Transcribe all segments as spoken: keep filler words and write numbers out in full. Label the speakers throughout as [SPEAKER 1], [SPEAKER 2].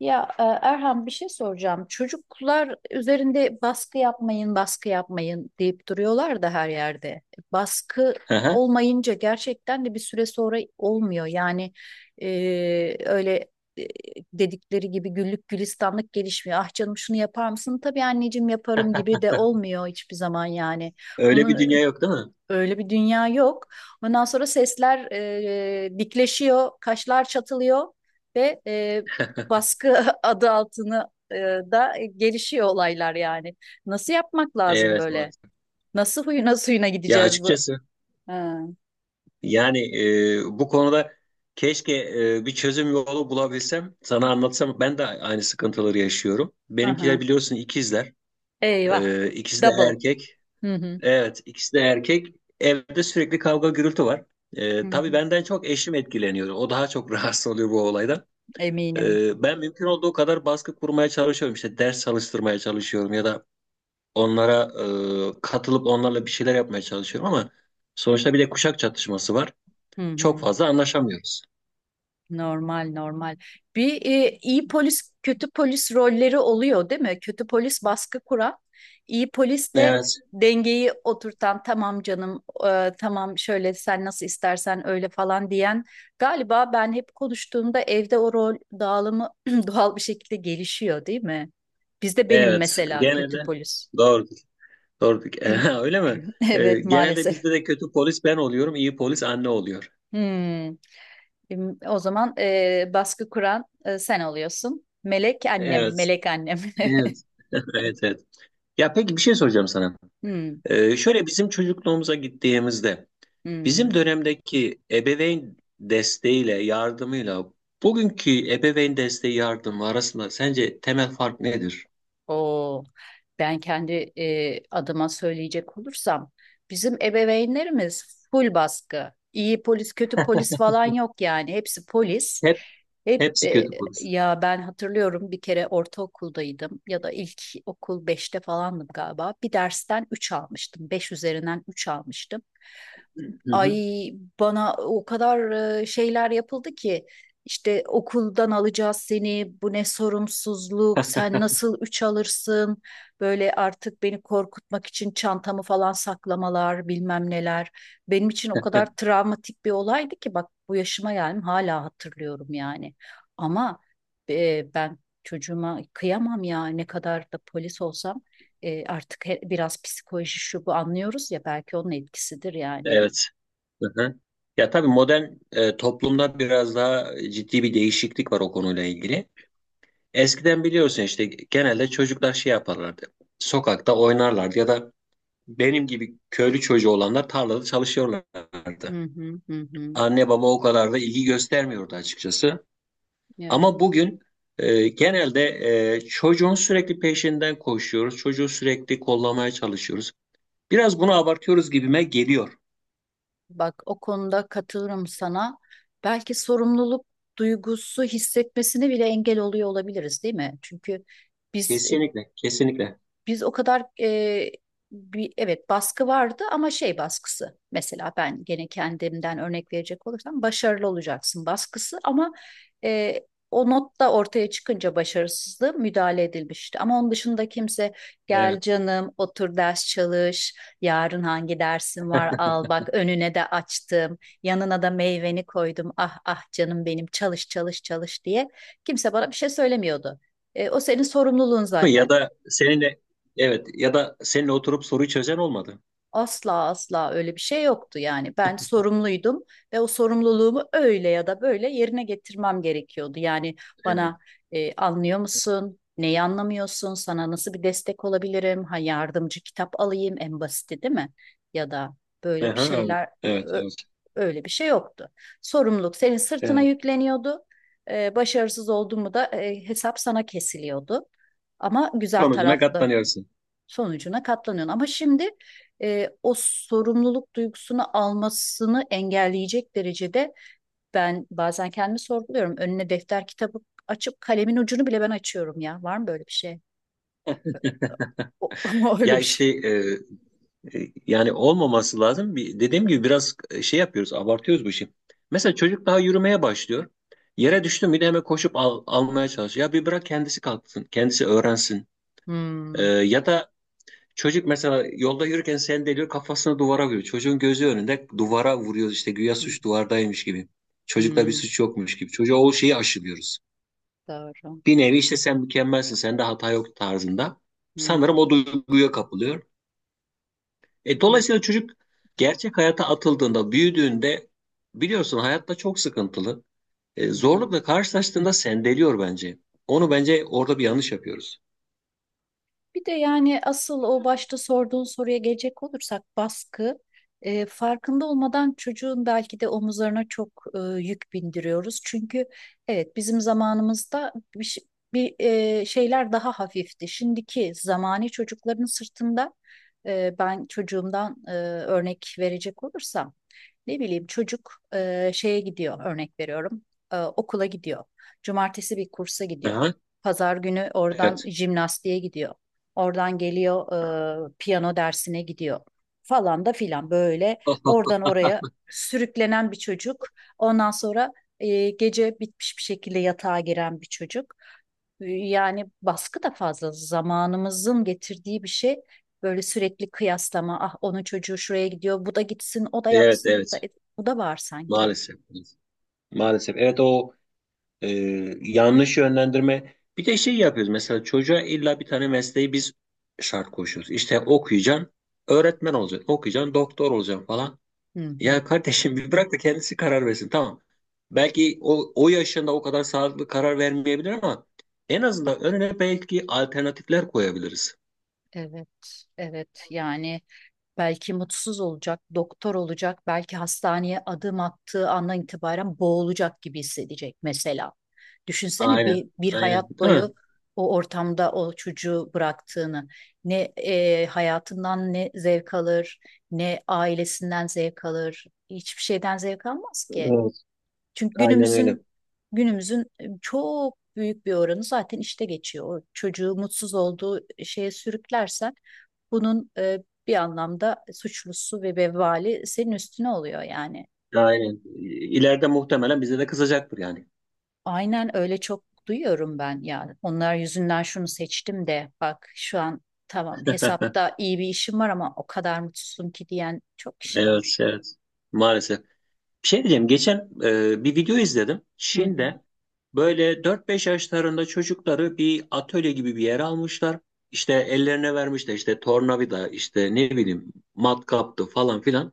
[SPEAKER 1] Ya e, Erhan, bir şey soracağım. Çocuklar üzerinde baskı yapmayın, baskı yapmayın deyip duruyorlar da her yerde. Baskı
[SPEAKER 2] Aha,
[SPEAKER 1] olmayınca gerçekten de bir süre sonra olmuyor. Yani e, öyle e, dedikleri gibi güllük gülistanlık gelişmiyor. Ah canım, şunu yapar mısın? Tabii anneciğim, yaparım gibi de olmuyor hiçbir zaman yani.
[SPEAKER 2] öyle bir
[SPEAKER 1] Bunun
[SPEAKER 2] dünya yok, değil mi?
[SPEAKER 1] Öyle bir dünya yok. Ondan sonra sesler e, dikleşiyor, kaşlar çatılıyor ve e, baskı adı altını e, da gelişiyor olaylar yani. Nasıl yapmak lazım
[SPEAKER 2] Evet,
[SPEAKER 1] böyle?
[SPEAKER 2] maalesef.
[SPEAKER 1] Nasıl huyuna suyuna
[SPEAKER 2] Ya,
[SPEAKER 1] gideceğiz bu?
[SPEAKER 2] açıkçası,
[SPEAKER 1] Ha,
[SPEAKER 2] yani, e, bu konuda keşke e, bir çözüm yolu bulabilsem sana anlatsam, ben de aynı sıkıntıları yaşıyorum.
[SPEAKER 1] aha.
[SPEAKER 2] Benimkiler biliyorsun, ikizler.
[SPEAKER 1] Eyvah.
[SPEAKER 2] E, ikisi de
[SPEAKER 1] Double.
[SPEAKER 2] erkek.
[SPEAKER 1] Hı hı.
[SPEAKER 2] Evet, ikisi de erkek. Evde sürekli kavga gürültü var.
[SPEAKER 1] Hı
[SPEAKER 2] E, tabii
[SPEAKER 1] hı.
[SPEAKER 2] benden çok eşim etkileniyor. O daha çok rahatsız oluyor bu olaydan.
[SPEAKER 1] Eminim.
[SPEAKER 2] E, ben mümkün olduğu kadar baskı kurmaya çalışıyorum. İşte ders çalıştırmaya çalışıyorum, ya da onlara e, katılıp onlarla bir şeyler yapmaya çalışıyorum, ama sonuçta bir de kuşak çatışması var.
[SPEAKER 1] Hı hı.
[SPEAKER 2] Çok fazla anlaşamıyoruz.
[SPEAKER 1] Normal normal. Bir e, iyi polis kötü polis rolleri oluyor değil mi? Kötü polis baskı kuran, iyi polis de
[SPEAKER 2] Evet,
[SPEAKER 1] dengeyi oturtan, tamam canım, e, tamam şöyle sen nasıl istersen öyle falan diyen, galiba ben hep konuştuğumda evde o rol dağılımı doğal bir şekilde gelişiyor değil mi? Bizde benim
[SPEAKER 2] evet.
[SPEAKER 1] mesela kötü
[SPEAKER 2] Genelde
[SPEAKER 1] polis.
[SPEAKER 2] doğrudur, doğrudur. Ha, öyle mi? E,
[SPEAKER 1] Evet,
[SPEAKER 2] genelde
[SPEAKER 1] maalesef.
[SPEAKER 2] bizde de kötü polis ben oluyorum, iyi polis anne oluyor.
[SPEAKER 1] Hmm. Em, O zaman e, baskı kuran e, sen oluyorsun. Melek annem,
[SPEAKER 2] Evet,
[SPEAKER 1] melek annem.
[SPEAKER 2] evet. Evet, evet. Ya, peki, bir şey soracağım sana.
[SPEAKER 1] Hmm,
[SPEAKER 2] E, şöyle, bizim çocukluğumuza gittiğimizde,
[SPEAKER 1] hmm.
[SPEAKER 2] bizim dönemdeki ebeveyn desteğiyle, yardımıyla bugünkü ebeveyn desteği yardımı arasında sence temel fark nedir?
[SPEAKER 1] O ben kendi e, adıma söyleyecek olursam bizim ebeveynlerimiz full baskı. İyi polis, kötü polis falan yok yani. Hepsi polis.
[SPEAKER 2] Hep
[SPEAKER 1] Hep
[SPEAKER 2] hepsi
[SPEAKER 1] e,
[SPEAKER 2] kötü polis.
[SPEAKER 1] Ya ben hatırlıyorum, bir kere ortaokuldaydım ya da ilk okul beşte falandım galiba. Bir dersten üç almıştım. Beş üzerinden üç almıştım.
[SPEAKER 2] Hı hı.
[SPEAKER 1] Ay, bana o kadar e, şeyler yapıldı ki, işte okuldan alacağız seni, bu ne sorumsuzluk, sen nasıl üç alırsın, böyle artık beni korkutmak için çantamı falan saklamalar, bilmem neler. Benim için o kadar travmatik bir olaydı ki, bak bu yaşıma geldim hala hatırlıyorum yani. Ama e, ben çocuğuma kıyamam ya, ne kadar da polis olsam. E, artık he- biraz psikoloji şu bu anlıyoruz ya, belki onun etkisidir yani.
[SPEAKER 2] Evet. Hı hı. Ya, tabii modern e, toplumda biraz daha ciddi bir değişiklik var o konuyla ilgili. Eskiden biliyorsun, işte genelde çocuklar şey yaparlardı. Sokakta oynarlardı, ya da benim gibi köylü çocuğu olanlar tarlada çalışıyorlardı.
[SPEAKER 1] Hı hı hı hı.
[SPEAKER 2] Anne baba o kadar da ilgi göstermiyordu açıkçası.
[SPEAKER 1] Evet.
[SPEAKER 2] Ama bugün e, genelde e, çocuğun sürekli peşinden koşuyoruz. Çocuğu sürekli kollamaya çalışıyoruz. Biraz bunu abartıyoruz gibime geliyor.
[SPEAKER 1] Bak, o konuda katılırım sana. Belki sorumluluk duygusu hissetmesini bile engel oluyor olabiliriz, değil mi? Çünkü biz e,
[SPEAKER 2] Kesinlikle, kesinlikle.
[SPEAKER 1] Biz o kadar, e, bir, evet, baskı vardı ama şey baskısı, mesela ben gene kendimden örnek verecek olursam, başarılı olacaksın baskısı. Ama e, o not da ortaya çıkınca başarısızlığı müdahale edilmişti. Ama onun dışında kimse gel
[SPEAKER 2] Evet.
[SPEAKER 1] canım otur ders çalış, yarın hangi dersin var, al bak önüne de açtım, yanına da meyveni koydum, ah ah canım benim çalış çalış çalış diye kimse bana bir şey söylemiyordu. E, o senin sorumluluğun
[SPEAKER 2] Değil mi? Ya
[SPEAKER 1] zaten.
[SPEAKER 2] da seninle Evet, ya da seninle oturup soruyu çözen olmadı.
[SPEAKER 1] Asla asla öyle bir şey yoktu yani. Ben sorumluydum ve o sorumluluğumu öyle ya da böyle yerine getirmem gerekiyordu. Yani
[SPEAKER 2] Evet.
[SPEAKER 1] bana e, anlıyor musun? Neyi anlamıyorsun? Sana nasıl bir destek olabilirim? Ha, yardımcı kitap alayım, en basiti, değil mi? Ya da böyle bir
[SPEAKER 2] Aha, evet.
[SPEAKER 1] şeyler,
[SPEAKER 2] Evet.
[SPEAKER 1] ö-
[SPEAKER 2] Evet.
[SPEAKER 1] öyle bir şey yoktu. Sorumluluk senin sırtına
[SPEAKER 2] Evet.
[SPEAKER 1] yükleniyordu. E, başarısız oldun mu da e, hesap sana kesiliyordu. Ama güzel
[SPEAKER 2] Sonucuna
[SPEAKER 1] taraflı,
[SPEAKER 2] katlanıyorsun.
[SPEAKER 1] sonucuna katlanıyorsun. Ama şimdi e, o sorumluluk duygusunu almasını engelleyecek derecede ben bazen kendimi sorguluyorum. Önüne defter kitabı açıp kalemin ucunu bile ben açıyorum ya. Var mı böyle bir şey? O, öyle
[SPEAKER 2] Ya
[SPEAKER 1] bir
[SPEAKER 2] işte,
[SPEAKER 1] şey.
[SPEAKER 2] e, E, yani olmaması lazım. Bir, dediğim gibi biraz e, şey yapıyoruz, abartıyoruz bu işi. Mesela çocuk daha yürümeye başlıyor. Yere düştü mü de hemen koşup al- almaya çalışıyor. Ya, bir bırak kendisi kalksın, kendisi öğrensin. E, ya da çocuk mesela yolda yürürken sendeliyor, kafasını duvara vuruyor. Çocuğun gözü önünde duvara vuruyoruz, işte güya suç duvardaymış gibi. Çocukta
[SPEAKER 1] Hı
[SPEAKER 2] bir suç yokmuş gibi. Çocuğa o şeyi aşılıyoruz. Bir nevi işte, sen mükemmelsin, sende hata yok tarzında.
[SPEAKER 1] hı,
[SPEAKER 2] Sanırım o duyguya kapılıyor. E, dolayısıyla çocuk gerçek hayata atıldığında, büyüdüğünde, biliyorsun hayatta çok sıkıntılı. E,
[SPEAKER 1] hı.
[SPEAKER 2] zorlukla karşılaştığında sendeliyor bence. Onu bence orada bir yanlış yapıyoruz.
[SPEAKER 1] Bir de yani asıl o başta sorduğun soruya gelecek olursak, baskı e, farkında olmadan çocuğun belki de omuzlarına çok e, yük bindiriyoruz. Çünkü evet, bizim zamanımızda bir, ş- bir, e, şeyler daha hafifti. Şimdiki zamani çocukların sırtında. E, ben çocuğumdan e, örnek verecek olursam, ne bileyim, çocuk e, şeye gidiyor, örnek veriyorum, e, okula gidiyor. Cumartesi bir kursa gidiyor.
[SPEAKER 2] Aha,
[SPEAKER 1] Pazar günü oradan
[SPEAKER 2] evet.
[SPEAKER 1] jimnastiğe gidiyor. Oradan geliyor, e, piyano dersine gidiyor, falan da filan, böyle oradan oraya sürüklenen bir çocuk. Ondan sonra e, gece bitmiş bir şekilde yatağa giren bir çocuk. E, Yani baskı da fazla zamanımızın getirdiği bir şey. Böyle sürekli kıyaslama, ah onun çocuğu şuraya gidiyor, bu da gitsin, o da
[SPEAKER 2] Evet,
[SPEAKER 1] yapsın, bu da,
[SPEAKER 2] evet.
[SPEAKER 1] bu da var sanki.
[SPEAKER 2] Maalesef. Maalesef. Evet, o e, yanlış yönlendirme. Bir de şey yapıyoruz. Mesela çocuğa illa bir tane mesleği biz şart koşuyoruz. İşte okuyacaksın, öğretmen olacaksın, okuyacaksın, doktor olacaksın falan.
[SPEAKER 1] Hı hı.
[SPEAKER 2] Ya kardeşim, bir bırak da kendisi karar versin tamam. Belki o, o yaşında o kadar sağlıklı karar vermeyebilir, ama en azından önüne belki alternatifler koyabiliriz.
[SPEAKER 1] Evet, evet yani, belki mutsuz olacak, doktor olacak, belki hastaneye adım attığı andan itibaren boğulacak gibi hissedecek mesela. Düşünsene
[SPEAKER 2] Aynen,
[SPEAKER 1] bir, bir
[SPEAKER 2] aynen.
[SPEAKER 1] hayat
[SPEAKER 2] Değil mi?
[SPEAKER 1] boyu o ortamda o çocuğu bıraktığını. Ne e, hayatından ne zevk alır, ne ailesinden zevk alır. Hiçbir şeyden zevk almaz ki.
[SPEAKER 2] Evet,
[SPEAKER 1] Çünkü
[SPEAKER 2] aynen öyle.
[SPEAKER 1] günümüzün günümüzün e, çok büyük bir oranı zaten işte geçiyor. O çocuğu mutsuz olduğu e, şeye sürüklersen bunun e, bir anlamda suçlusu ve vebali senin üstüne oluyor yani.
[SPEAKER 2] Aynen. İleride muhtemelen bize de kızacaktır yani.
[SPEAKER 1] Aynen öyle, çok duyuyorum ben ya. Onlar yüzünden şunu seçtim de bak şu an, tamam hesapta iyi bir işim var ama o kadar mutsuzum ki diyen çok kişi
[SPEAKER 2] Evet,
[SPEAKER 1] var.
[SPEAKER 2] evet. Maalesef. Bir şey diyeceğim. Geçen e, bir video izledim.
[SPEAKER 1] Hı hı.
[SPEAKER 2] Çin'de böyle dört beş yaşlarında çocukları bir atölye gibi bir yere almışlar. İşte ellerine vermişler, işte tornavida, işte ne bileyim matkaptı falan filan.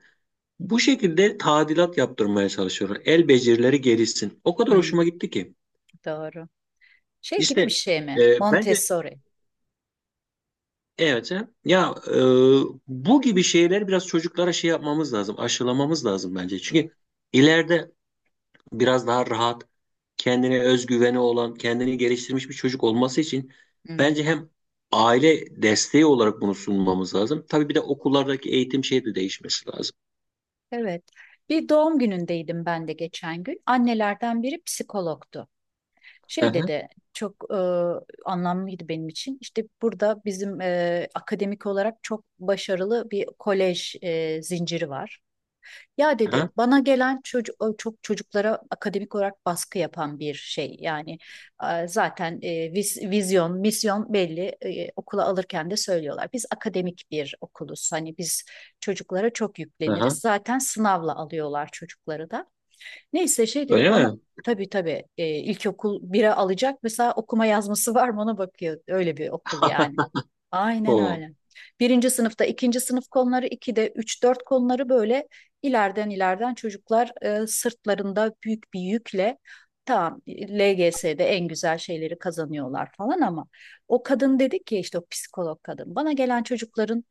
[SPEAKER 2] Bu şekilde tadilat yaptırmaya çalışıyorlar. El becerileri gelişsin. O kadar
[SPEAKER 1] Hı,
[SPEAKER 2] hoşuma gitti ki.
[SPEAKER 1] doğru. Şey
[SPEAKER 2] İşte,
[SPEAKER 1] gibi bir şey
[SPEAKER 2] e,
[SPEAKER 1] mi?
[SPEAKER 2] bence
[SPEAKER 1] Montessori.
[SPEAKER 2] evet, he. Ya, e, bu gibi şeyler biraz çocuklara şey yapmamız lazım. Aşılamamız lazım bence. Çünkü ileride biraz daha rahat, kendine özgüveni olan, kendini geliştirmiş bir çocuk olması için bence
[SPEAKER 1] Hmm,
[SPEAKER 2] hem aile desteği olarak bunu sunmamız lazım. Tabii bir de okullardaki eğitim şeyi de değişmesi lazım.
[SPEAKER 1] evet. Bir doğum günündeydim ben de geçen gün. Annelerden biri psikologtu.
[SPEAKER 2] Hı
[SPEAKER 1] Şey
[SPEAKER 2] hı,
[SPEAKER 1] dedi, çok e, anlamlıydı benim için. İşte burada bizim e, akademik olarak çok başarılı bir kolej e, zinciri var. Ya dedi,
[SPEAKER 2] hı
[SPEAKER 1] bana gelen çocuk çok, çocuklara akademik olarak baskı yapan bir şey. Yani e, zaten e, viz- vizyon, misyon belli. E, okula alırken de söylüyorlar. Biz akademik bir okuluz, hani biz çocuklara çok
[SPEAKER 2] hı,
[SPEAKER 1] yükleniriz.
[SPEAKER 2] hı.
[SPEAKER 1] Zaten sınavla alıyorlar çocukları da. Neyse, şey dedi
[SPEAKER 2] Öyle
[SPEAKER 1] bana,
[SPEAKER 2] mi?
[SPEAKER 1] tabii tabii, e, ilkokul bire alacak mesela, okuma yazması var mı ona bakıyor. Öyle bir okul yani. Aynen
[SPEAKER 2] O.
[SPEAKER 1] öyle. Birinci sınıfta ikinci sınıf konuları, ikide üç dört konuları, böyle ileriden ileriden çocuklar, e, sırtlarında büyük bir yükle tamam L G S'de en güzel şeyleri kazanıyorlar falan ama, o kadın dedi ki, işte o psikolog kadın, bana gelen çocukların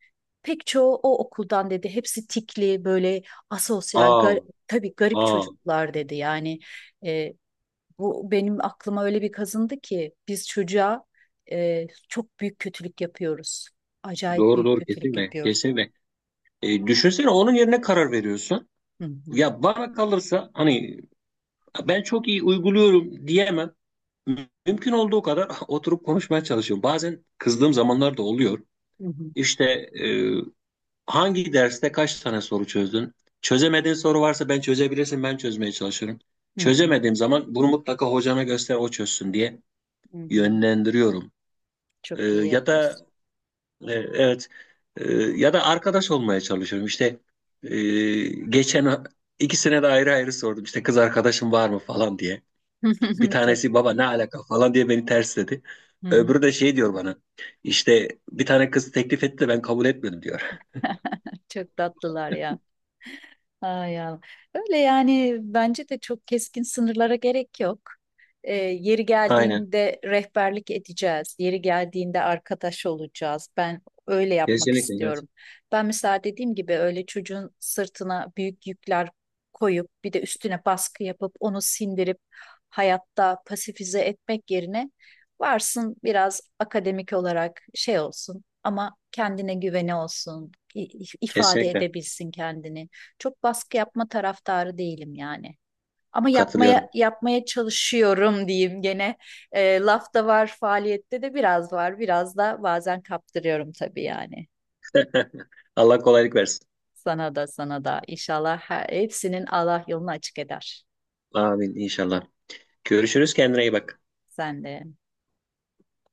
[SPEAKER 1] pek çoğu o okuldan dedi, hepsi tikli böyle, asosyal,
[SPEAKER 2] Aa,
[SPEAKER 1] tabii garip
[SPEAKER 2] aa.
[SPEAKER 1] çocuklar dedi. Yani e, bu benim aklıma öyle bir kazındı ki biz çocuğa e, çok büyük kötülük yapıyoruz. Acayip
[SPEAKER 2] Doğru,
[SPEAKER 1] büyük
[SPEAKER 2] doğru,
[SPEAKER 1] kötülük
[SPEAKER 2] kesinlikle.
[SPEAKER 1] yapıyoruz.
[SPEAKER 2] Kesinlikle. E, düşünsene, onun yerine karar veriyorsun.
[SPEAKER 1] Hı hı,
[SPEAKER 2] Ya bana kalırsa, hani ben çok iyi uyguluyorum diyemem. Mü- Mümkün olduğu kadar oturup konuşmaya çalışıyorum. Bazen kızdığım zamanlar da oluyor.
[SPEAKER 1] hı hı,
[SPEAKER 2] İşte, e, hangi derste kaç tane soru çözdün? Çözemediğin soru varsa ben çözebilirsin, ben çözmeye çalışıyorum.
[SPEAKER 1] hı hı,
[SPEAKER 2] Çözemediğim zaman bunu mutlaka hocana göster, o çözsün diye
[SPEAKER 1] hı hı.
[SPEAKER 2] yönlendiriyorum. Ee,
[SPEAKER 1] Çok iyi
[SPEAKER 2] ya
[SPEAKER 1] yapıyorsun.
[SPEAKER 2] da e, evet, e, ya da arkadaş olmaya çalışıyorum. İşte e, geçen ikisine de ayrı ayrı sordum. İşte kız arkadaşım var mı falan diye. Bir
[SPEAKER 1] Çok,
[SPEAKER 2] tanesi baba ne alaka falan diye beni tersledi.
[SPEAKER 1] hı hı.
[SPEAKER 2] Öbürü de şey diyor bana. İşte bir tane kız teklif etti de ben kabul etmedim diyor.
[SPEAKER 1] Çok tatlılar ya. Ay Allah. Öyle yani, bence de çok keskin sınırlara gerek yok. Ee, yeri
[SPEAKER 2] Aynen.
[SPEAKER 1] geldiğinde rehberlik edeceğiz. Yeri geldiğinde arkadaş olacağız. Ben öyle yapmak
[SPEAKER 2] Kesinlikle, evet.
[SPEAKER 1] istiyorum. Ben mesela dediğim gibi, öyle çocuğun sırtına büyük yükler koyup bir de üstüne baskı yapıp onu sindirip hayatta pasifize etmek yerine, varsın biraz akademik olarak şey olsun ama kendine güveni olsun, i- ifade
[SPEAKER 2] Kesinlikle.
[SPEAKER 1] edebilsin kendini, çok baskı yapma taraftarı değilim yani. Ama yapmaya
[SPEAKER 2] Katılıyorum.
[SPEAKER 1] yapmaya çalışıyorum diyeyim gene. E, lafta var, faaliyette de biraz var. Biraz da bazen kaptırıyorum tabii yani.
[SPEAKER 2] Allah kolaylık versin.
[SPEAKER 1] Sana da, sana da inşallah, her, hepsinin Allah yolunu açık eder.
[SPEAKER 2] Amin inşallah. Görüşürüz. Kendine iyi bak.
[SPEAKER 1] Sen de.